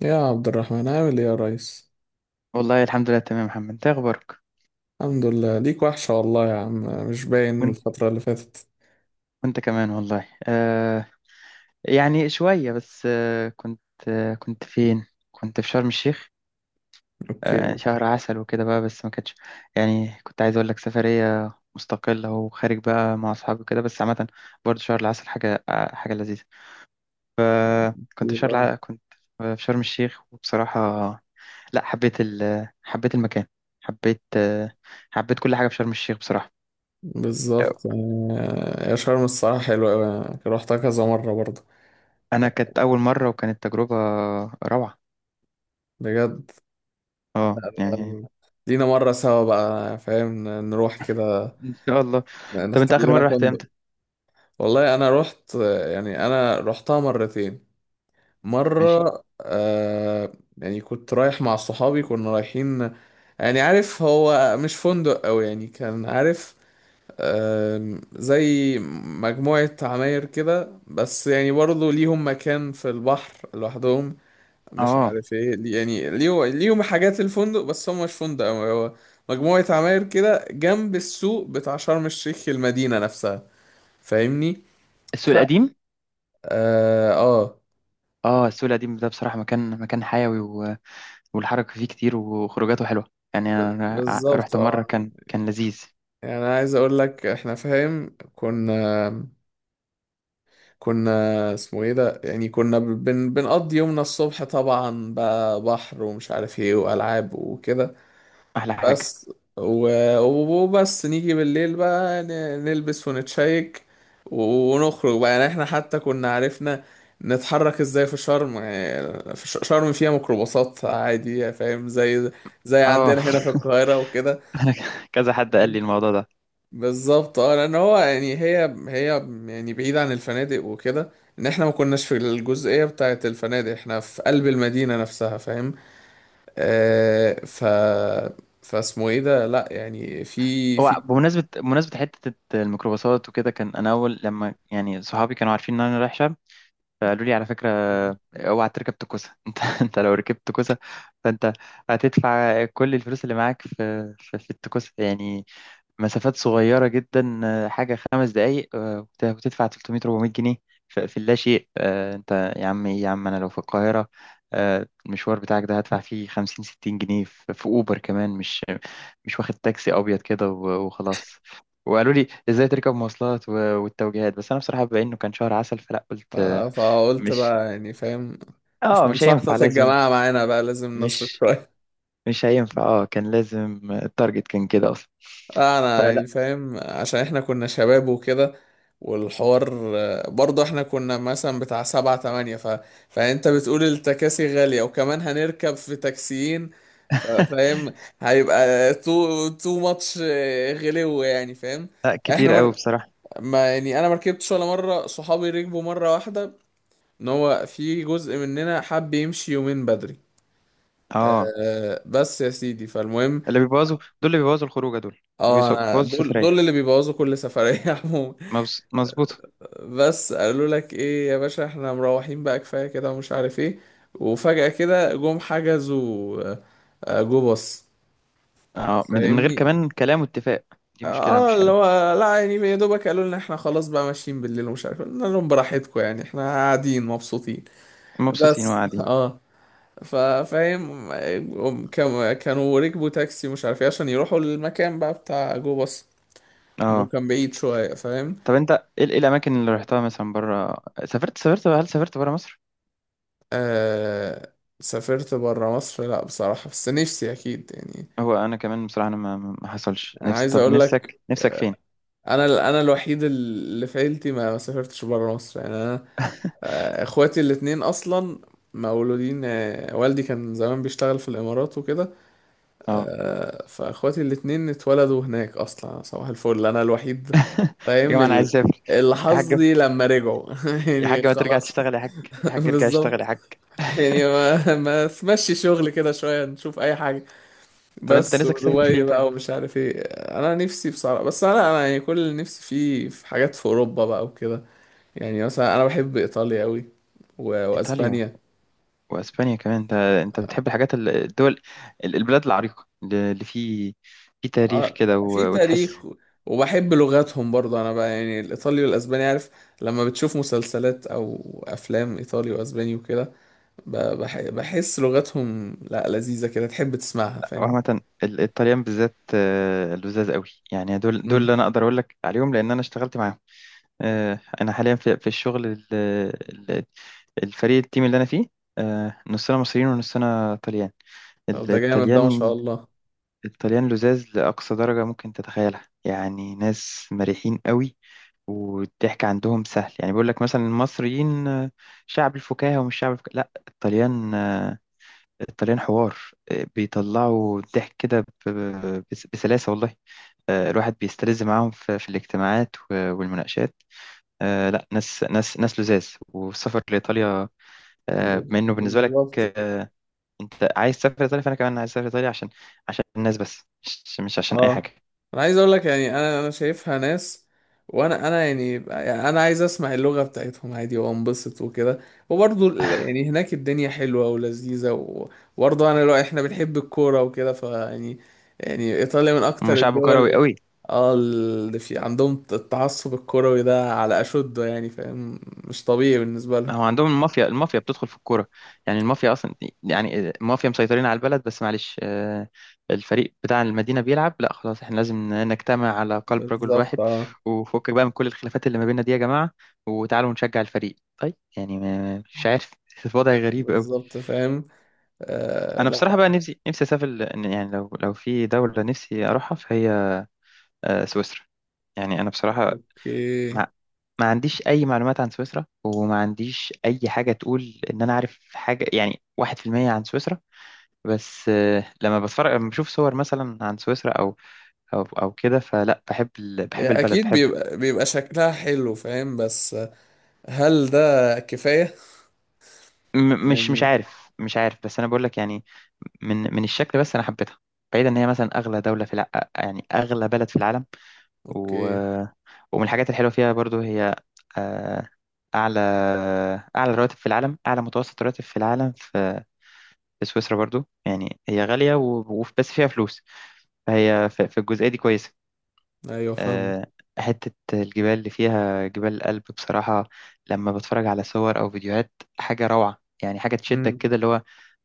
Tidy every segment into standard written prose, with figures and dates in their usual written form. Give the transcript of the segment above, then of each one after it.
يا عبد الرحمن عامل ايه يا ريس. والله الحمد لله تمام يا محمد، انت إيه اخبارك؟ الحمد لله، ليك وحشة والله يا عم. مش باين وانت الفترة اللي فاتت. وانت كمان والله. يعني شويه بس. كنت فين؟ كنت في شرم الشيخ. اوكي. شهر عسل وكده بقى، بس ما كانتش. يعني كنت عايز اقول لك سفريه مستقله وخارج بقى مع اصحابي كده، بس عامه برضه شهر العسل حاجه حاجه لذيذه. يبقى كنت في شرم الشيخ وبصراحه، لا، حبيت حبيت المكان. حبيت آه حبيت كل حاجه في شرم الشيخ بصراحه. بالظبط، آه، يا شرم الصراحة حلوة أوي، روحتها كذا مرة برضه. انا كانت اول مره وكانت تجربه روعه. بجد. اه، يعني، آه، لينا مرة سوا بقى، فاهم، نروح كده، ان شاء الله. طب انت نختار اخر لنا مره رحت فندق. امتى؟ والله أنا روحت، يعني أنا روحتها مرتين. ماشي. مرة يعني كنت رايح مع صحابي، كنا رايحين، يعني عارف، هو مش فندق أوي، يعني كان عارف، زي مجموعة عماير كده، بس يعني برضه ليهم مكان في البحر لوحدهم. مش اه، عارف ايه يعني ليهم حاجات الفندق، بس هم مش فندق أوي، هو مجموعة عماير كده جنب السوق بتاع شرم الشيخ، المدينة نفسها. فاهمني؟ السوق ف... القديم. اه، اه، السوق القديم ده بصراحه، مكان حيوي والحركه فيه كتير وخروجاته حلوه. يعني انا بالظبط رحت مره، اه. كان لذيذ. يعني أنا عايز اقول لك احنا، فاهم، كنا اسمه ايه ده، يعني كنا ب- بن بنقضي يومنا الصبح طبعا بقى، بحر ومش عارف ايه والعاب وكده احلى حاجه. بس. وبس نيجي بالليل بقى نلبس ونتشيك ونخرج بقى. يعني احنا حتى كنا عرفنا نتحرك ازاي في شرم. يعني في شرم فيها ميكروباصات عادي، فاهم، زي زي اه. عندنا هنا في القاهرة وكده. كذا حد قال لي الموضوع ده. بالظبط اه، لان هو يعني هي يعني بعيد عن الفنادق وكده، ان احنا ما كناش في الجزئيه بتاعه الفنادق، احنا في قلب المدينه نفسها، فاهم. آه، فاسمه ايه ده، لا يعني في هو في بمناسبه، حته الميكروباصات وكده، كان انا اول لما يعني صحابي كانوا عارفين ان انا رايح شرم، فقالوا لي على فكرة، اوعى تركب تكوسة. انت لو ركبت تكوسة، فانت هتدفع كل الفلوس اللي معاك في التكوسة. يعني مسافات صغيرة جدا، حاجة خمس دقايق وتدفع 300 400 جنيه في اللا شيء. انت يا عم، إيه يا عم، انا لو في القاهرة، المشوار بتاعك ده هدفع فيه 50 60 جنيه في اوبر كمان، مش واخد تاكسي ابيض كده وخلاص. وقالوا لي ازاي تركب مواصلات والتوجيهات. بس انا بصراحة بما انه كان شهر عسل، فلا ف- قلت فقلت مش بقى يعني فاهم، مش اه، من مش شحطة هينفع، لازم. الجماعه معانا بقى لازم نصرف مش شويه. مش هينفع، اه كان لازم، التارجت كان كده اصلا. انا يعني فلا. فاهم، عشان احنا كنا شباب وكده والحوار، برضه احنا كنا مثلا بتاع سبعة تمانية. فانت بتقول التكاسي غالية، وكمان هنركب في تاكسيين. فاهم، هيبقى تو ماتش، غلو يعني، فاهم. لا احنا كتير قوي مر... بصراحة. ما يعني انا مركبتش ولا مرة، صحابي ركبوا مرة واحدة، ان هو في جزء مننا حب يمشي يومين بدري. اه، أه بس يا سيدي فالمهم، اللي بيبوظوا دول، اللي بيبوظوا الخروجة دول، اه انا بيبوظوا دول السفرية. دول اللي بيبوظوا كل سفرية عموما. مظبوط. بس قالوا لك ايه يا باشا، احنا مروحين بقى كفاية كده ومش عارف ايه، وفجأة كده جم حجزوا، جو باص. اه، من غير فاهمني؟ كمان كلام واتفاق، دي مشكلة اه، مش اللي حلوة. هو لا يعني يا دوبك قالوا لنا احنا خلاص بقى ماشيين بالليل ومش عارف إيه. قلنا لهم براحتكم، يعني احنا قاعدين مبسوطين مبسوطين بس وقاعدين. اه. فاهم، هم كانوا ركبوا تاكسي مش عارف ايه عشان يروحوا للمكان بقى بتاع جو باص، انه اه. كان بعيد شوية، فاهم. طب انت، ايه، ايه الاماكن اللي رحتها مثلا بره؟ سافرت هل سافرت بره مصر؟ آه، سافرت برا مصر لا بصراحة، بس نفسي أكيد يعني. هو انا كمان بصراحة، انا ما حصلش. نفس، عايز طب أقول نفسك، لك، نفسك فين؟ أنا الوحيد اللي في عيلتي ما سافرتش برا مصر. يعني أنا، آه، إخواتي الاتنين أصلا مولودين، آه، والدي كان زمان بيشتغل في الإمارات وكده. اه. آه، فإخواتي الاتنين اتولدوا هناك أصلا صباح الفل، أنا الوحيد، يا فاهم جماعة انا عايز اسافر. اللي يا حاج، حظي لما رجعوا يا يعني حاج ما ترجع خلاص. تشتغل يا حاج. يا حاج ارجع اشتغل يا بالظبط، حاج. يعني ما تمشي شغل كده شوية، نشوف أي حاجة طب انت بس، نفسك تسافر ودبي فين طيب؟ بقى ومش عارف ايه. انا نفسي بصراحه، بس انا يعني كل اللي نفسي فيه في حاجات في اوروبا بقى وكده. يعني مثلا انا بحب ايطاليا قوي، ايطاليا واسبانيا. واسبانيا كمان. انت بتحب الحاجات الدول، البلاد العريقه، اللي اللي في تاريخ اه، كده في وتحس. تاريخ، وبحب لغاتهم برضه. انا بقى يعني الايطالي والاسباني عارف، لما بتشوف مسلسلات او افلام ايطالي واسباني وكده، بحس لغتهم لا لذيذه كده، تحب تسمعها، فاهم. عامه الطليان بالذات، لذاذ قوي. يعني دول اللي امم، انا اقدر اقول لك عليهم، لان انا اشتغلت معاهم. انا حاليا في الشغل ال- الفريق التيم اللي انا فيه، نصنا مصريين ونصنا طليان. طب ده جامد ده ما شاء الطليان الله. الطليان لزاز لأقصى درجة ممكن تتخيلها، يعني ناس مريحين قوي، والضحك عندهم سهل. يعني بيقول لك مثلا المصريين، شعب الفكاهة ومش شعب الفكاهة، لا، الطليان، الطليان حوار. بيطلعوا الضحك كده، بسلاسة والله. الواحد بيستلذ معاهم في الاجتماعات والمناقشات. لا، ناس لزاز، والسفر لإيطاليا، بما إنه بالنسبة لك، بالظبط أنت عايز تسافر إيطاليا، فأنا كمان عايز أسافر إيطاليا عشان، عشان الناس، بس مش عشان أي حاجة. اه، انا عايز اقول لك يعني، انا شايفها ناس، وانا يعني، يعني انا عايز اسمع اللغة بتاعتهم عادي وانبسط وكده. وبرضه يعني هناك الدنيا حلوة ولذيذة، و- وبرضه انا لو احنا بنحب الكورة وكده فيعني، يعني ايطاليا من هم اكتر شعب كروي الدول، قوي. اه، اللي في عندهم التعصب الكروي ده على اشده، يعني فاهم، مش طبيعي بالنسبة لهم. هو عندهم المافيا، المافيا بتدخل في الكوره، يعني المافيا اصلا، يعني المافيا مسيطرين على البلد. بس معلش، الفريق بتاع المدينه بيلعب، لا خلاص، احنا لازم نجتمع على قلب رجل بالظبط واحد، اه. وفكك بقى من كل الخلافات اللي ما بيننا دي يا جماعه، وتعالوا نشجع الفريق. طيب، يعني مش عارف. وضع غريب قوي. بالظبط فاهم. آه انا بصراحه لا. بقى، نفسي اسافر يعني لو في دوله نفسي اروحها، فهي سويسرا. يعني انا بصراحه، اوكي. ما ما عنديش اي معلومات عن سويسرا، وما عنديش اي حاجه تقول ان انا عارف حاجه، يعني 1% عن سويسرا. بس لما بتفرج، لما بشوف صور مثلا عن سويسرا، او كده، فلا بحب بحب البلد، اكيد بحب. بيبقى بيبقى شكلها حلو، فاهم، بس هل ده كفاية مش يعني. عارف، بس انا بقول لك، يعني من الشكل، بس انا حبيتها. بعيدا ان هي مثلا اغلى دوله يعني اغلى بلد في العالم. و... اوكي، ومن الحاجات الحلوه فيها برضو هي، آه، اعلى، اعلى رواتب في العالم، اعلى متوسط راتب في العالم في سويسرا برضو. يعني هي غالية بس فيها فلوس، فهي في الجزئية دي كويسة. ايوه فاهم. آه، حتة الجبال اللي فيها، جبال الألب، بصراحة لما بتفرج على صور أو فيديوهات، حاجة روعة، يعني حاجة تشدك امم. كده، اللي هو،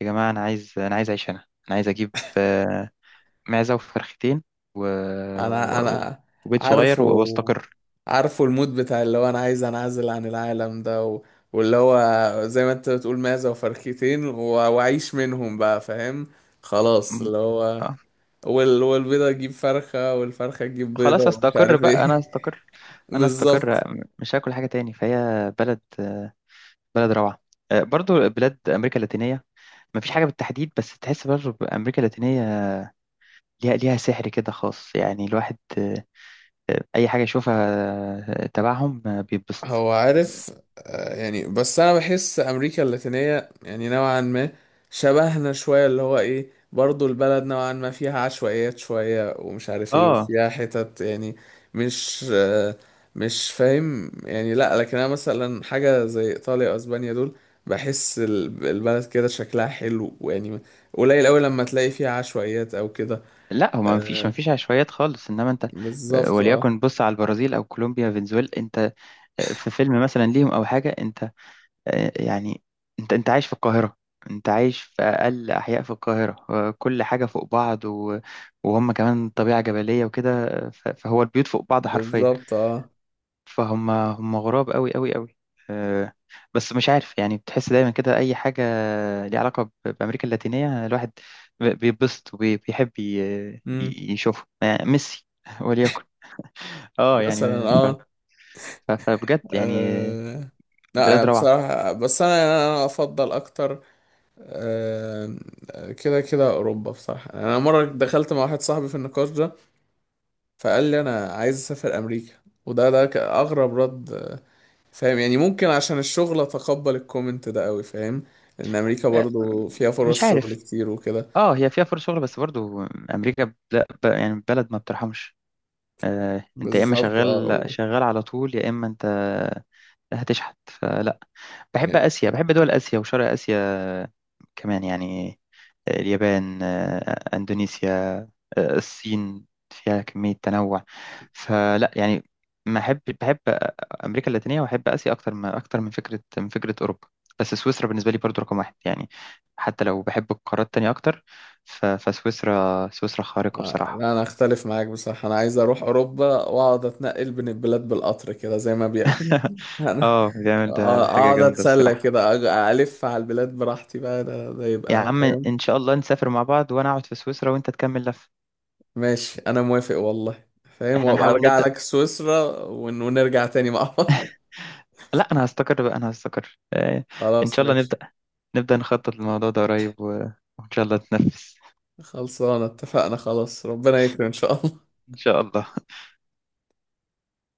يا جماعة أنا عايز، أنا عايز أعيش هنا. أنا عايز أجيب معزة وفرختين، و... انا و... انا وبيت صغير عارفه، وأستقر. عارفه المود بتاع اللي هو انا عايز انعزل عن العالم ده، و... واللي هو زي ما انت بتقول معزة وفرختين، و... واعيش منهم بقى فاهم، خلاص م- اللي هو آه، والبيضة تجيب فرخة والفرخة تجيب بيضة خلاص ومش أستقر عارف بقى، أنا ايه. أستقر، أنا أستقر بالظبط. مش هاكل حاجة تاني. فهي بلد، بلد روعة. برضو بلاد أمريكا اللاتينية، ما فيش حاجة بالتحديد، بس تحس برضو بأمريكا اللاتينية ليها سحر كده خاص. يعني الواحد، أي حاجة يشوفها تبعهم بيتبسط. هو عارف، آه، يعني بس انا بحس امريكا اللاتينية يعني نوعا ما شبهنا شوية، اللي هو ايه، برضو البلد نوعا ما فيها عشوائيات شوية ومش عارف ايه آه، وفيها حتت، يعني مش، مش فاهم يعني. لا لكن انا مثلا حاجة زي ايطاليا واسبانيا دول، بحس البلد كده شكلها حلو، ويعني قليل قوي لما تلاقي فيها عشوائيات او كده. لا، هو ما فيش آه، ما فيش عشوائيات خالص، إنما أنت، بالظبط اه. وليكن، بص على البرازيل أو كولومبيا، فنزويلا، أنت، في فيلم مثلا ليهم أو حاجة، أنت، يعني انت عايش في القاهرة، انت عايش في اقل احياء في القاهرة، كل حاجة فوق بعض، وهم كمان طبيعة جبلية وكده، فهو البيوت فوق بعض حرفيا، بالظبط اه. فهم هم غراب قوي قوي قوي. آه، بس مش عارف، يعني بتحس دايما كده، اي حاجة ليها علاقة بأمريكا اللاتينية، الواحد بيتبسط وبيحب، امم. يشوفه ميسي وليكن. اه، مثلا يعني، اه. فبجد يعني، أه لا، بلاد يعني روعة. بصراحة بس أنا أفضل أكتر. أه، كده كده أوروبا بصراحة. يعني أنا مرة دخلت مع واحد صاحبي في النقاش ده، فقال لي أنا عايز أسافر أمريكا، وده أغرب رد، فاهم. يعني ممكن عشان الشغل أتقبل الكومنت ده أوي، فاهم، لأن أمريكا آه، برضو فيها مش فرص شغل عارف. كتير وكده. اه، هي فيها فرص شغل بس برضو، امريكا، ب- لا ب- يعني بلد ما بترحمش. آه انت، يا اما بالظبط شغال أه. شغال على طول، يا اما انت هتشحت. فلا، بحب آسيا، بحب دول آسيا وشرق آسيا كمان. يعني اليابان، أندونيسيا، الصين، فيها كمية تنوع. فلا يعني ما أحب بحب أمريكا اللاتينية، وأحب آسيا أكتر، ما أكتر من فكرة، أوروبا. بس سويسرا بالنسبة لي برضو رقم واحد، يعني حتى لو بحب القارات التانية أكتر، فسويسرا، سويسرا خارقة بصراحة. لا انا اختلف معاك بصراحة، انا عايز اروح اوروبا واقعد اتنقل بين البلاد بالقطر كده زي ما بيعملوا. انا اه، بيعمل ده، ده حاجة اقعد جامدة اتسلى الصراحة. كده، الف على البلاد براحتي بقى، ده يا يبقى عم فاهم. إن شاء الله نسافر مع بعض، وأنا أقعد في سويسرا وأنت تكمل لف. ماشي، انا موافق والله فاهم، احنا وابقى نحاول ارجع نبدأ. لك سويسرا ونرجع تاني مع بعض. لا، انا هستقر بقى، انا هستقر ان خلاص شاء الله ماشي. نبدا نخطط للموضوع ده قريب، وان شاء الله تنفذ. خلصانة، اتفقنا خلاص، ربنا يكرم ان شاء الله. ان شاء الله.